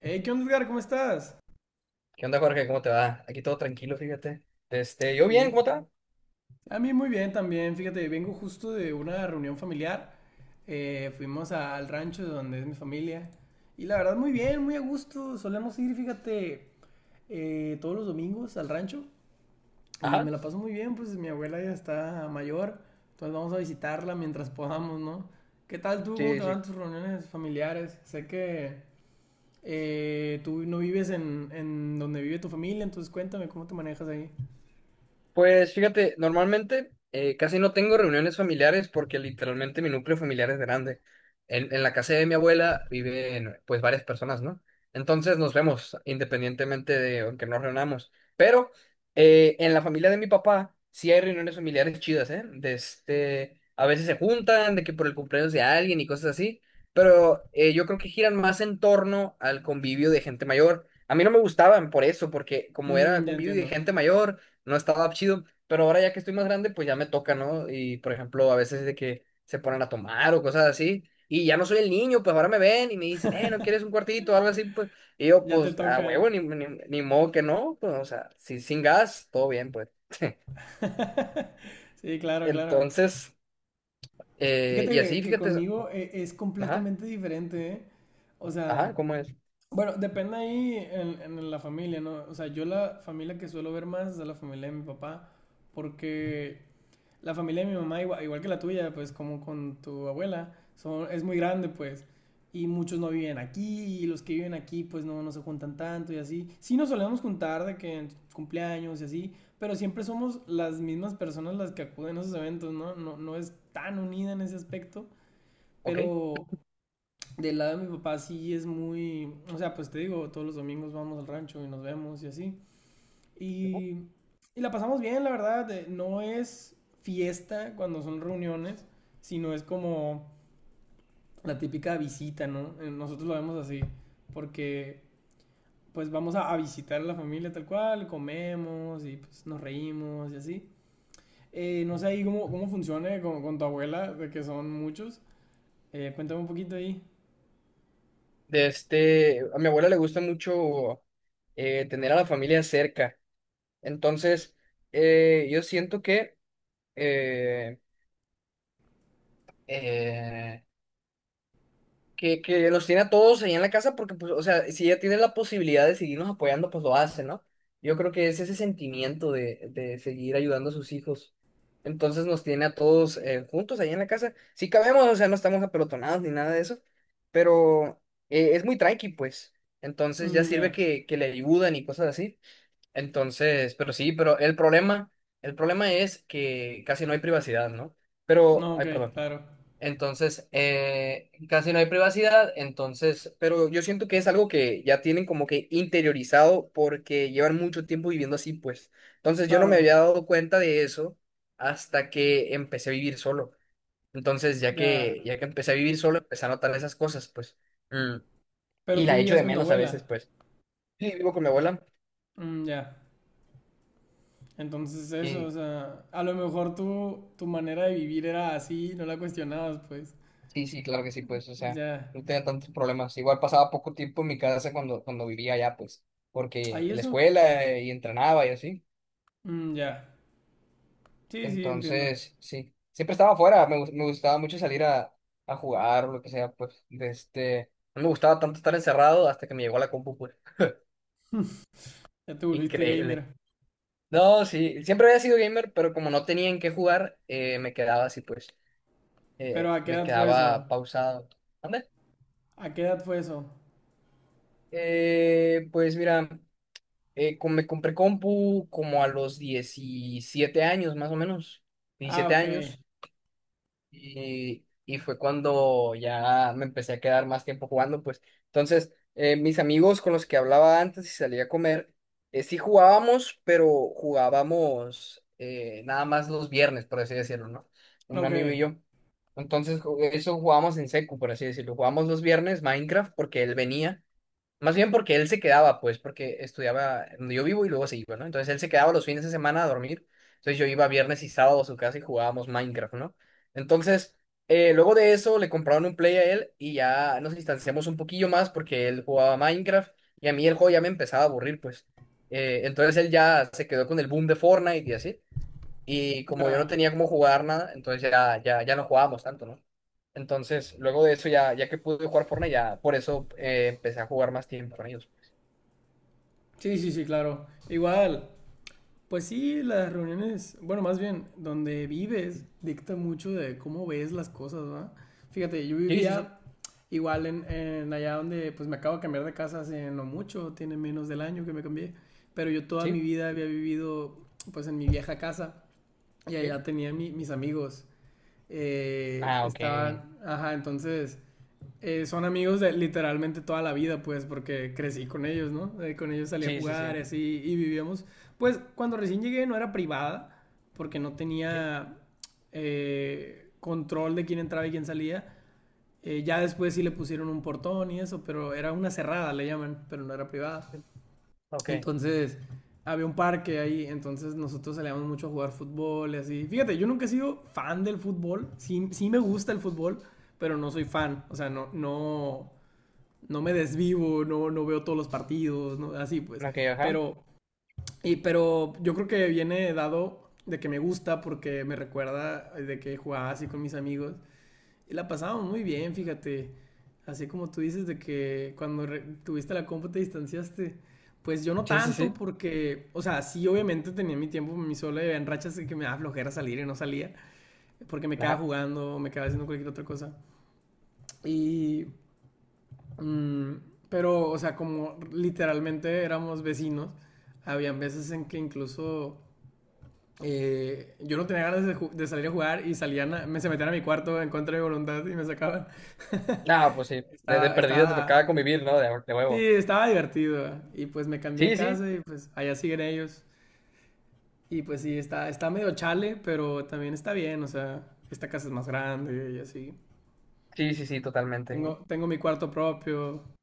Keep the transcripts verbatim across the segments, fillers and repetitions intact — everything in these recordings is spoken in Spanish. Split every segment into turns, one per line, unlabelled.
Hey, ¿qué onda, Edgar? ¿Cómo estás?
¿Qué onda, Jorge? ¿Cómo te va? Aquí todo tranquilo, fíjate. Este, yo bien,
Sí.
¿cómo te va?
A mí muy bien también. Fíjate, vengo justo de una reunión familiar. Eh, fuimos a- al rancho donde es mi familia. Y la verdad, muy bien, muy a gusto. Solemos ir, fíjate, eh, todos los domingos al rancho. Y me
Ajá.
la paso muy bien, pues mi abuela ya está mayor. Entonces vamos a visitarla mientras podamos, ¿no? ¿Qué tal tú? ¿Cómo
Sí,
te
sí.
van tus reuniones familiares? Sé que eh, tú no vives en, en donde vive tu familia, entonces cuéntame cómo te manejas ahí.
Pues fíjate, normalmente eh, casi no tengo reuniones familiares porque literalmente mi núcleo familiar es grande. En, en la casa de mi abuela viven pues varias personas, ¿no? Entonces nos vemos independientemente de aunque nos reunamos. Pero eh, en la familia de mi papá sí hay reuniones familiares chidas, ¿eh? De este, a veces se juntan, de que por el cumpleaños de alguien y cosas así. Pero eh, yo creo que giran más en torno al convivio de gente mayor. A mí no me gustaban por eso, porque como era
Mm, ya
convivio de
entiendo.
gente mayor no estaba chido, pero ahora ya que estoy más grande, pues ya me toca, ¿no? Y por ejemplo, a veces de que se ponen a tomar o cosas así, y ya no soy el niño, pues ahora me ven y me dicen, eh, ¿no quieres un cuartito o algo así? Pues, y yo,
Ya te
pues, a
toca.
huevo, ni, ni, ni modo que no, pues, o sea, si, sin gas, todo bien, pues.
Sí, claro, claro.
Entonces, eh,
Fíjate
y
que,
así,
que
fíjate,
conmigo e- es
ajá,
completamente diferente, ¿eh? O sea,
ajá, ¿cómo es?
bueno, depende ahí en, en la familia, ¿no? O sea, yo la familia que suelo ver más es la familia de mi papá, porque la familia de mi mamá, igual, igual que la tuya, pues como con tu abuela, son, es muy grande, pues. Y muchos no viven aquí, y los que viven aquí, pues no, no se juntan tanto y así. Sí nos solemos juntar de que en cumpleaños y así, pero siempre somos las mismas personas las que acuden a esos eventos, ¿no? No, no es tan unida en ese aspecto,
Ok.
pero del lado de mi papá sí es muy, o sea, pues te digo, todos los domingos vamos al rancho y nos vemos y así.
Ujú.
Y, y la pasamos bien, la verdad. eh, No es fiesta cuando son reuniones, sino es como la típica visita, ¿no? Eh, Nosotros lo vemos así, porque pues vamos a, a visitar a la familia tal cual, comemos y pues nos reímos y así. Eh, no sé ahí cómo, cómo funciona con, con tu abuela, de que son muchos. Eh, cuéntame un poquito ahí.
De este, a mi abuela le gusta mucho eh, tener a la familia cerca, entonces, eh, yo siento que... eh, eh, que, que los tiene a todos ahí en la casa porque, pues, o sea, si ella tiene la posibilidad de seguirnos apoyando, pues lo hace, ¿no? Yo creo que es ese sentimiento de, de seguir ayudando a sus hijos. Entonces nos tiene a todos eh, juntos ahí en la casa. Sí cabemos, o sea, no estamos apelotonados ni nada de eso, pero eh, es muy tranqui, pues. Entonces ya
Mm,
sirve
ya.
que, que le ayudan y cosas así. Entonces, pero sí, pero el problema, el problema es que casi no hay privacidad, ¿no? Pero,
No,
ay,
ok,
perdón.
claro.
Entonces, eh, casi no hay privacidad, entonces, pero yo siento que es algo que ya tienen como que interiorizado porque llevan mucho tiempo viviendo así, pues. Entonces, yo no me
Claro,
había dado cuenta de eso hasta que empecé a vivir solo. Entonces, ya
ya.
que, ya que empecé a vivir solo, empecé a notar esas cosas, pues. Mm. Y
Pero tú
la echo
vivías
de
con tu
menos a veces,
abuela.
pues. Sí, vivo con mi abuela
Mm, ya. Entonces eso, o
y,
sea, a lo mejor tu, tu manera de vivir era así, no la cuestionabas, pues.
Sí, sí, claro que sí, pues, o sea,
Ya.
no tenía tantos problemas. Igual pasaba poco tiempo en mi casa cuando, cuando vivía allá, pues, porque
¿Ahí
la
eso?
escuela eh, y entrenaba y así.
Mm, ya. Sí, sí, entiendo.
Entonces, sí, siempre estaba afuera, me, gus- me gustaba mucho salir a, a, jugar o lo que sea, pues, de este, no me gustaba tanto estar encerrado hasta que me llegó la compu, pues,
Ya te volviste
increíble.
gamer.
No, sí, siempre había sido gamer, pero como no tenía en qué jugar, eh, me quedaba así, pues,
Pero
eh,
¿a qué
me
edad fue eso?
quedaba pausado. ¿Anda?
¿A qué edad fue eso?
Eh, pues mira. Eh, com- me compré compu como a los diecisiete años, más o menos,
Ah,
diecisiete
ok.
años, y, y fue cuando ya me empecé a quedar más tiempo jugando, pues. Entonces, eh, mis amigos con los que hablaba antes y salía a comer, eh, sí jugábamos, pero jugábamos eh, nada más los viernes, por así decirlo, ¿no? Un amigo y
Ok.
yo. Entonces, ju- eso jugábamos en secu, por así decirlo. Jugábamos los viernes Minecraft porque él venía. Más bien porque él se quedaba, pues, porque estudiaba donde yo vivo y luego se iba, ¿no? Entonces él se quedaba los fines de semana a dormir. Entonces yo iba viernes y sábado a su casa y jugábamos Minecraft, ¿no? Entonces, eh, luego de eso le compraron un Play a él y ya nos distanciamos un poquillo más porque él jugaba Minecraft y a mí el juego ya me empezaba a aburrir, pues. Eh, entonces él ya se quedó con el boom de Fortnite y así. Y como yo no
Ya.
tenía cómo jugar nada, entonces ya, ya, ya no jugábamos tanto, ¿no? Entonces, luego de eso, ya, ya que pude jugar Fortnite, ya por eso eh, empecé a jugar más tiempo con ellos.
Sí, sí, sí, claro. Igual, pues sí, las reuniones, bueno, más bien, donde vives dicta mucho de cómo ves las cosas, ¿va? Fíjate, yo
Sí, sí, sí,
vivía igual en, en allá donde pues me acabo de cambiar de casa hace no mucho, tiene menos del año que me cambié, pero yo toda mi
sí,
vida había vivido pues en mi vieja casa y
sí.
allá tenía mi- mis amigos, eh,
Ah, ok.
estaban, ajá, entonces eh, son amigos de literalmente toda la vida, pues, porque crecí con ellos, ¿no? Eh, con ellos salí a
Sí, sí, sí,
jugar y así, y vivíamos. Pues, cuando recién llegué no era privada, porque no
sí.
tenía eh, control de quién entraba y quién salía. Eh, ya después sí le pusieron un portón y eso, pero era una cerrada, le llaman, pero no era privada.
Ok,
Entonces, había un parque ahí, entonces nosotros salíamos mucho a jugar fútbol y así. Fíjate, yo nunca he sido fan del fútbol, sí, sí me gusta el fútbol, pero no soy fan, o sea, no, no, no me desvivo, no, no veo todos los partidos, ¿no? así pues.
ok, ajá.
Pero, y, pero yo creo que viene dado de que me gusta porque me recuerda de que jugaba así con mis amigos y la pasábamos muy bien, fíjate. Así como tú dices de que cuando re- tuviste la compu te distanciaste. Pues yo no
Sí, sí,
tanto
sí,
porque, o sea, sí obviamente tenía mi tiempo, mi solo y en rachas en que me daba flojera salir y no salía porque me quedaba
ajá.
jugando, me quedaba haciendo cualquier otra cosa. Y mm, pero, o sea, como literalmente éramos vecinos, habían veces en que incluso eh, yo no tenía ganas de, ju- de salir a jugar y salían, a- me se metían a mi cuarto en contra de mi voluntad y me sacaban.
Ah, pues sí, de, de
Estaba,
perdida te tocaba
estaba,
convivir, ¿no? De, de
sí,
huevo.
estaba divertido. Y pues me cambié de
Sí, sí,
casa y pues allá siguen ellos. Y pues sí, está, está medio chale, pero también está bien, o sea, esta casa es más grande y así.
sí, sí, sí, totalmente.
Tengo, tengo mi cuarto propio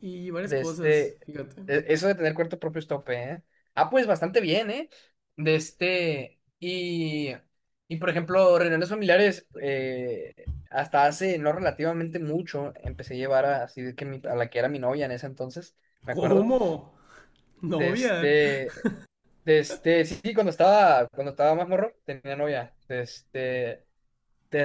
y varias
De
cosas,
este,
fíjate.
e- eso de tener cuarto propio es tope, ¿eh? Ah, pues bastante bien, ¿eh? De este, y, y por ejemplo, reuniones familiares, eh, hasta hace no relativamente mucho, empecé a llevar a, así de que mi- a la que era mi novia en ese entonces, me acuerdo.
¿Cómo?
De
¿Novia?
este, de este, sí, sí, cuando estaba, cuando estaba más morro, tenía novia. De este,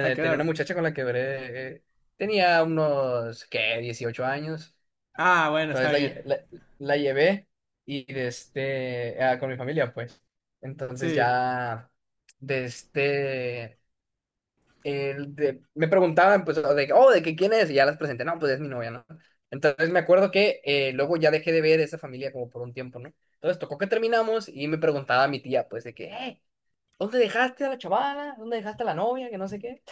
¿A qué
tenía una
edad?
muchacha con la que duré, eh, tenía unos, ¿qué? dieciocho años.
Ah, bueno, está
Entonces la,
bien.
lle- la, la llevé y de este, ah, con mi familia, pues. Entonces
Sí,
ya, de este, el de- me preguntaban, pues, o de, que, oh, ¿de que quién es? Y ya las presenté, no, pues es mi novia, ¿no? Entonces me acuerdo que eh, luego ya dejé de ver esa familia como por un tiempo, ¿no? Entonces tocó que terminamos y me preguntaba a mi tía, pues, de que: "Eh, ¿dónde dejaste a la chavala? ¿Dónde dejaste a la novia? Que no sé qué".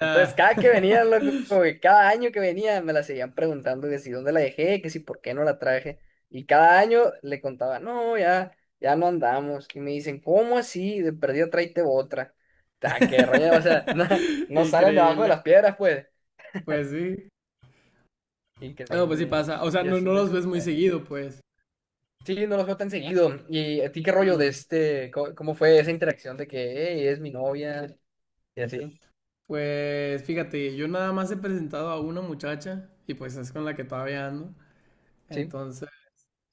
Entonces, cada que venían, loco, como que cada año que venían, me la seguían preguntando que si dónde la dejé, que si por qué no la traje. Y cada año le contaba: no, ya, ya no andamos. Y me dicen: ¿cómo así? De perdida tráete otra. Ta, qué rollo o sea, no, no salen debajo de
Increíble.
las piedras, pues.
Pues sí. No, pues sí
Increíble, ¿eh?
pasa. O sea,
Y
no,
así,
no los
loco.
ves muy
eh,
seguido, pues.
Sí, no los veo tan seguido. ¿Y a ti qué rollo de
Mm,
este? ¿Cómo, cómo fue esa interacción de que, hey, es mi novia? Y así,
pues fíjate, yo nada más he presentado a una muchacha y pues es con la que todavía ando.
sí.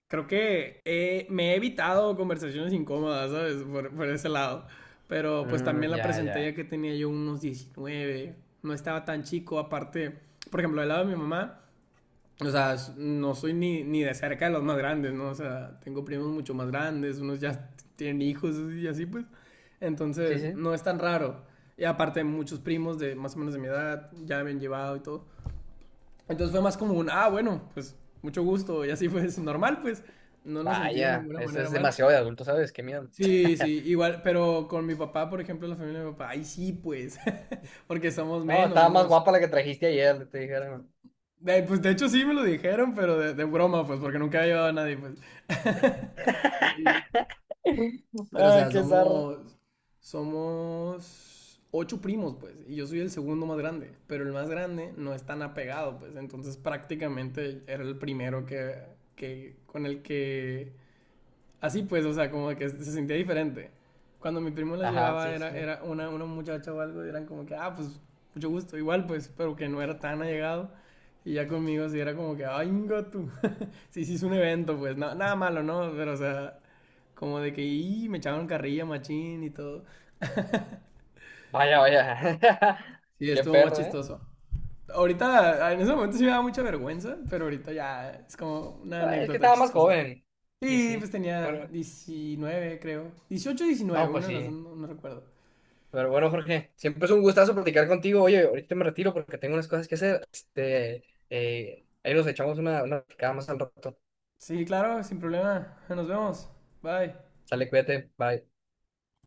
Creo que he- me he evitado conversaciones incómodas, ¿sabes? Por, por ese lado. Pero pues
Mm,
también la
ya,
presenté
ya.
ya que tenía yo unos diecinueve, no estaba tan chico, aparte, por ejemplo, del lado de mi mamá, o sea, no soy ni, ni de cerca de los más grandes, ¿no? O sea, tengo primos mucho más grandes, unos ya tienen hijos y así pues.
Sí,
Entonces,
sí.
no es tan raro. Y aparte, muchos primos de más o menos de mi edad ya me han llevado y todo. Entonces fue más como un, ah, bueno, pues mucho gusto, y así fue normal, pues no lo sentí de
Vaya,
ninguna
eso
manera
es
mal.
demasiado de adulto, ¿sabes? Qué miedo.
Sí, sí, igual, pero con mi papá, por ejemplo, la familia de mi papá, ay, sí, pues, porque somos
No,
menos,
estaba más
somos...
guapa la que trajiste ayer, te dijeron.
de- pues de hecho sí me lo dijeron, pero de, de broma, pues, porque nunca había llevado a nadie, pues. Y- pero o
Ay,
sea,
qué zarra.
somos... Somos ocho primos, pues, y yo soy el segundo más grande, pero el más grande no es tan apegado, pues, entonces prácticamente era el primero que, que con el que así pues, o sea, como que se sentía diferente. Cuando mi primo las
Ajá,
llevaba,
sí, sí,
era,
sí.
era una, una muchacha o algo, y eran como que, ah, pues, mucho gusto, igual, pues, pero que no era tan allegado. Y ya conmigo sí era como que, ay, tú. Sí, sí, es un evento, pues, no- nada malo, ¿no? Pero, o sea, como de que, y me echaban carrilla, machín y todo.
Vaya, vaya.
Sí,
Qué
estuvo más
perro, ¿eh?
chistoso. Ahorita, en ese momento sí me daba mucha vergüenza, pero ahorita ya es como una
Ah, es que
anécdota
estaba más
chistosa.
joven. Y
Sí, pues
así.
tenía
Pero,
diecinueve creo. Dieciocho, diecinueve,
no, pues
uno de las dos,
sí.
no, no recuerdo.
Pero bueno, Jorge, siempre es un gustazo platicar contigo. Oye, ahorita me retiro porque tengo unas cosas que hacer. Este, eh, ahí nos echamos una, una platicada más al rato.
Sí, claro, sin problema. Nos vemos. Bye.
Sale, cuídate. Bye.